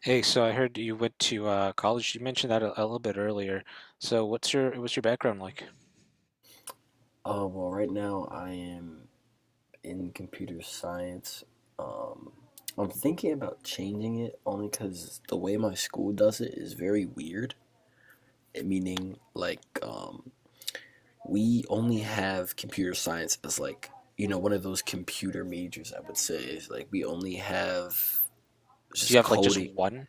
Hey, so I heard you went to college. You mentioned that a little bit earlier. So what's your background like? Oh, well, right now I am in computer science. Um, I'm thinking about changing it only because the way my school does it is very weird. It meaning, we only have computer science as, one of those computer majors, I would say. Is like, we only have Do you just have like just coding. one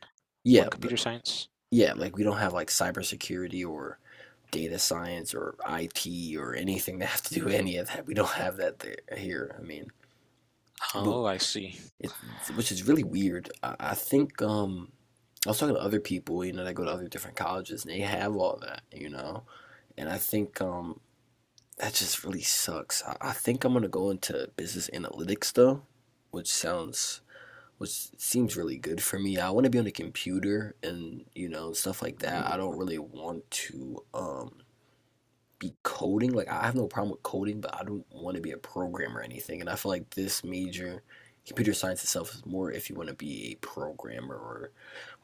one Yeah, but computer science? yeah, like, we don't have, like, cybersecurity or data science or IT or anything that have to do with any of that. We don't have that there here. I mean, but Oh, I see. Which is really weird. I think I was talking to other people, you know, that go to other different colleges, and they have all that, you know. And I think that just really sucks. I think I'm gonna go into business analytics though, which sounds, which seems really good for me. I want to be on a computer, and you know, stuff like that. I don't really want to be coding. Like, I have no problem with coding, but I don't want to be a programmer or anything. And I feel like this major, computer science itself, is more if you want to be a programmer or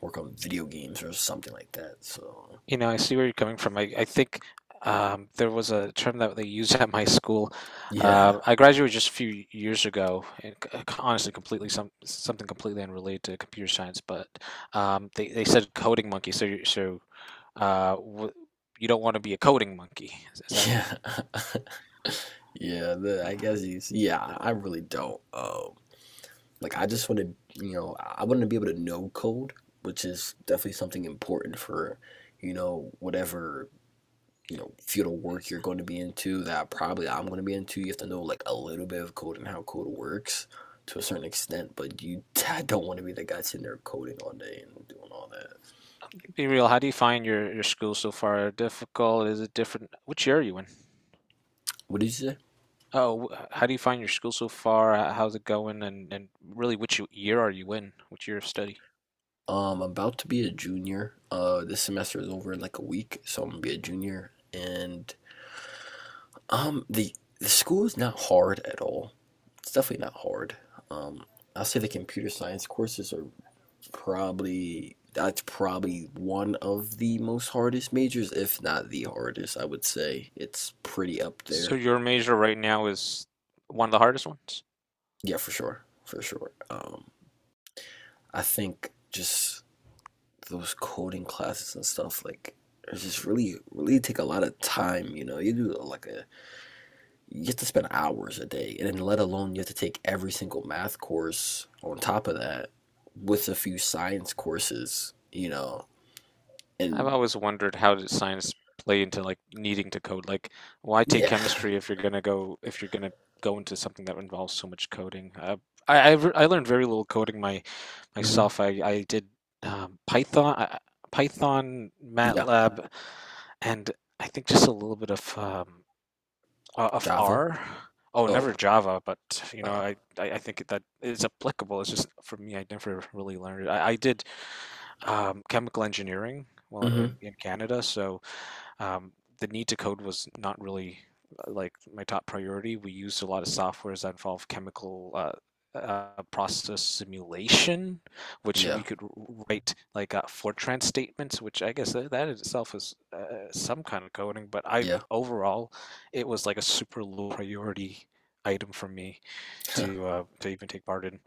work on video games or something like that. So You know, I see where you're coming from. I think there was a term that they used at my school. yeah. I graduated just a few years ago, and honestly, completely something completely unrelated to computer science. But they said coding monkey. So you so w you don't want to be a coding monkey. Is that? Yeah. Yeah. Uh, I guess he's yeah. I really don't. Like, I just want to, you know, I want to be able to know code, which is definitely something important for, you know, whatever, you know, field of work you're going to be into that probably I'm going to be into. You have to know like a little bit of code and how code works to a certain extent, but you don't want to be the guy sitting there coding all day and doing all that. Be At how do all. you find your school so far? Difficult? Is it different? Which year are you in? What did you say? Oh, how do you find your school so far? How's it going? And really, which year are you in? Which year of study? I'm about to be a junior. This semester is over in like a week, so I'm gonna be a junior. And um, the the school is not hard at all. It's definitely not hard. Um, I'll say the computer science courses are probably— that's probably one of the most hardest majors, if not the hardest. I would say it's pretty up So there. your major right now is one of the hardest ones? Yeah, for sure, for sure. I think just those coding classes and stuff, like, it's just really really take a lot of time, you know, you do like a— you have to spend hours a day, and then let alone you have to take every single math course on top of that, with a few science courses, you know, I've and always wondered how does science play into like needing to code? Like, why take yeah. chemistry if you're gonna go into something that involves so much coding? I learned very little coding my Hmm. myself. I did Python, Python, Yeah. MATLAB, and I think just a little bit of Java. R. Oh, Oh, never Java, but you know, uh, I think that is applicable. It's just for me, I never really learned it. I did chemical engineering well mm-hmm. In Canada, so um, the need to code was not really like my top priority. We used a lot of softwares that involve chemical process simulation, which we Yeah, could write like Fortran statements, which I guess that itself is some kind of coding. But I yeah. overall, it was like a super low priority item for me to even take part in,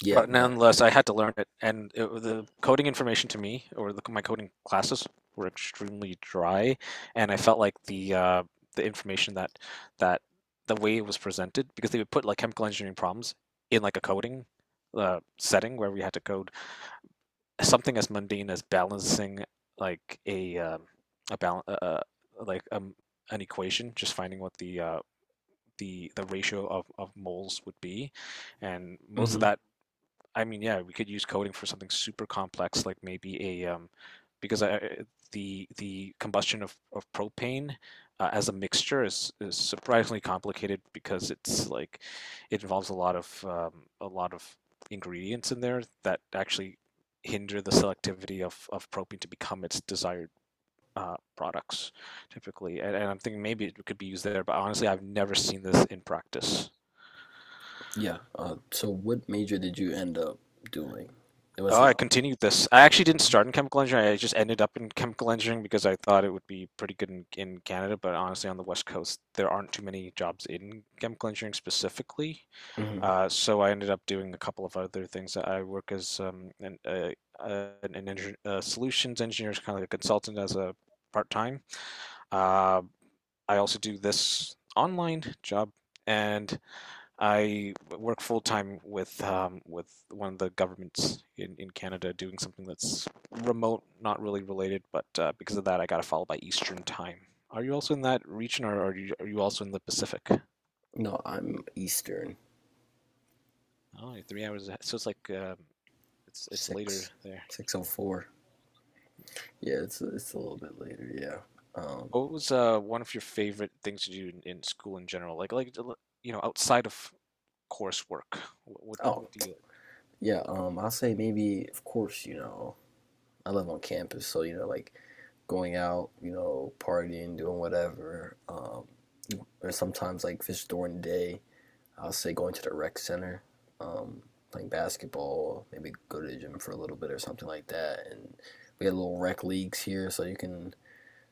Yeah, but no. nonetheless, I had to learn it, and the coding information to me or my coding classes were extremely dry, and I felt like the information that that the way it was presented, because they would put like chemical engineering problems in like a coding setting where we had to code something as mundane as balancing like a balance like um, an equation, just finding what the ratio of moles would be, and most of mm-hmm. that. I mean, yeah, we could use coding for something super complex, like maybe because I, the combustion of propane as a mixture is surprisingly complicated because it's like it involves a lot of ingredients in there that actually hinder the selectivity of propane to become its desired products typically. And I'm thinking maybe it could be used there, but honestly, I've never seen this in practice. Yeah. So what major did you end up doing? Was Oh, it? I continued this. I actually didn't start in chemical engineering. I just ended up in chemical engineering because I thought it would be pretty good in Canada, but honestly, on the West Coast, there aren't too many jobs in chemical engineering specifically. Mhm. So I ended up doing a couple of other things. I work as an solutions engineer, kind of like a consultant as a part-time. Uh, I also do this online job, and I work full time with one of the governments in Canada doing something that's remote, not really related, but because of that, I got to follow by Eastern time. Are you also in that region, or are you also in the Pacific? No, I'm Eastern, Oh, you're 3 hours ahead. So it's like it's later six— there. six oh four. Yeah, it's a little bit later. Yeah. What was one of your favorite things to do in school in general? Like you know outside of coursework, Oh, what do you. yeah. I'll say maybe. Of course, you know, I live on campus, so you know, like, going out, you know, partying, doing whatever. Or sometimes like fish during the day, I'll say going to the rec center, um, playing basketball, maybe go to the gym for a little bit or something like that. And we had little rec leagues here, so you can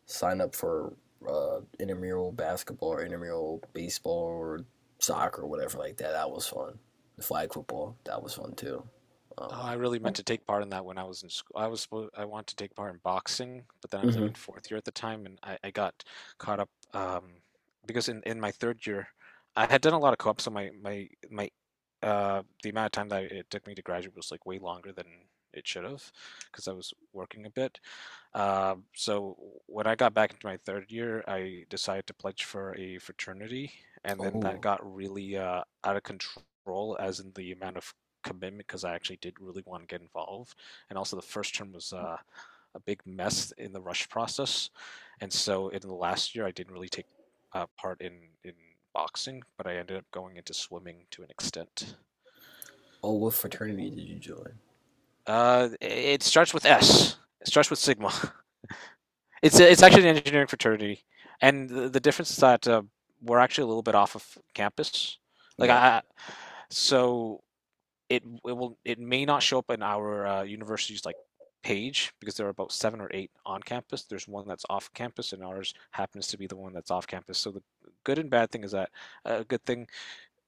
sign up for intramural basketball or intramural baseball or soccer or whatever like that. That was fun. The flag football, that was fun too. Um, Oh, I really meant to take part in that when I was in school. I was supposed I wanted to take part in boxing, but then I was like hmm. in fourth year at the time, and I got caught up because in my third year, I had done a lot of co-op, so my the amount of time that it took me to graduate was like way longer than it should have, because I was working a bit. So when I got back into my third year, I decided to pledge for a fraternity, and then that Oh, got really out of control, as in the amount of commitment, because I actually did really want to get involved. And also, the first term was a big mess in the rush process, and so in the last year, I didn't really take part in boxing, but I ended up going into swimming to an extent. oh, what fraternity did you join? It starts with S. It starts with Sigma. It's actually an engineering fraternity, and the difference is that we're actually a little bit off of campus. Like Yeah. I, so it will it may not show up in our university's like page because there are about seven or eight on campus. There's one that's off campus, and ours happens to be the one that's off campus. So the good and bad thing is that a good thing,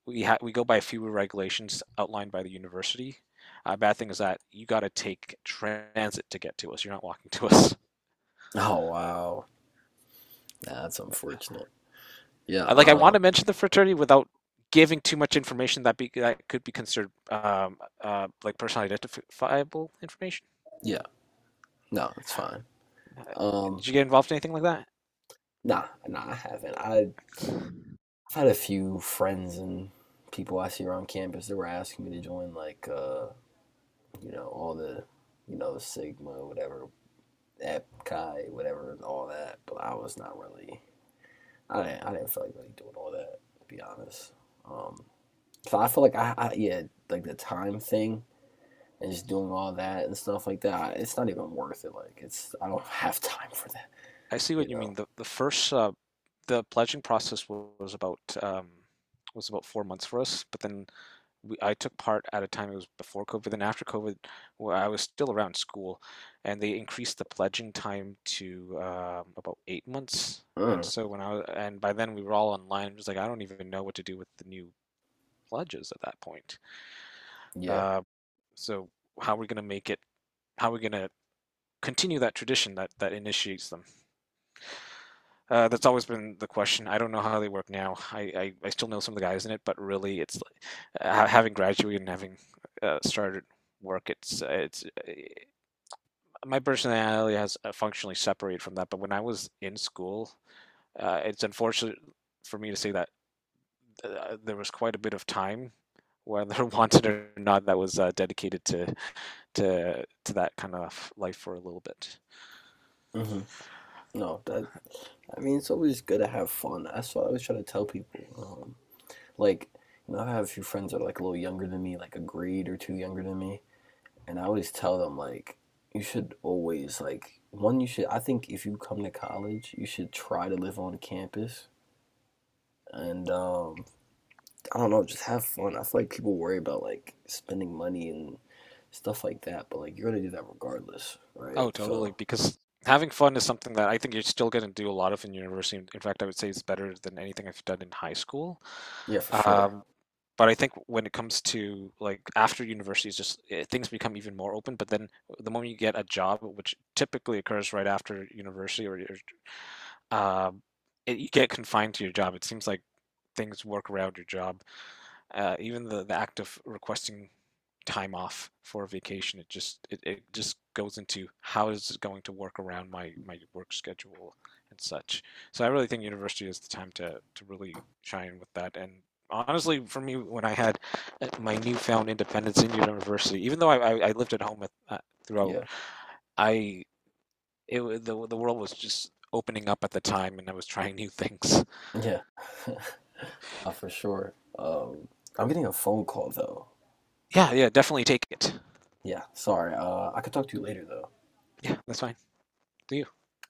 we go by fewer regulations outlined by the university. A bad thing is that you got to take transit to get to us. You're not walking to us. Oh wow, nah, that's unfortunate. Yeah. I, like I want to mention the fraternity without giving too much information that could be considered like personally identifiable information. Yeah. No, it's fine. Um. Did you get involved in anything like that? Nah. Nah. I haven't. I've had a few friends and people I see around campus that were asking me to join, all the, you know, Sigma, whatever, Epkai, Chi, whatever, all that. But I was not really, I didn't feel like really doing all that, to be honest. Um, so I feel like yeah, like the time thing and just doing all that and stuff like that, I- it's not even worth it. Like, it's— I don't have time for that, I see you what you know? mean. The first the pledging process was about 4 months for us, but then I took part at a time it was before COVID and after COVID, where I was still around school, and they increased the pledging time to about 8 months. And Mm, so when I was, and by then we were all online. I'm just like I don't even know what to do with the new pledges at that point. yeah. Uh, so how are we going to make it? How are we going to continue that tradition that initiates them? That's always been the question. I don't know how they work now. I still know some of the guys in it, but really, it's like, having graduated and having started work, it's my personality has functionally separated from that. But when I was in school, it's unfortunate for me to say that there was quite a bit of time, whether wanted or not, that was dedicated to to that kind of life for a little bit. Hmm. No, that— I mean, it's always good to have fun. That's what I always try to tell people. Like, you know, I have a few friends that are like a little younger than me, like a grade or two younger than me, and I always tell them, like, you should always— like, one, you should— I think if you come to college, you should try to live on campus, and um, I don't know, just have fun. I feel like people worry about like spending money and stuff like that, but like, you're gonna do that regardless, right? Oh, totally. So, Because having fun is something that I think you're still going to do a lot of in university. In fact, I would say it's better than anything I've done in high school. yeah, for sure. Um, but I think when it comes to like after university, it's just eh, things become even more open. But then the moment you get a job, which typically occurs right after university, or your, um, it, you get confined to your job. It seems like things work around your job. Even the act of requesting time off for vacation, it just it just goes into how is it going to work around my work schedule and such. So I really think university is the time to really shine with that. And honestly, for me, when I had my newfound independence in university, even though I lived at home with, throughout, Yeah. I it the world was just opening up at the time, and I was trying new things. Yeah. For sure. I'm getting a phone call though. Yeah, yeah, definitely take it. Yeah, sorry. I could talk to you later though. Yeah, that's fine. Do you?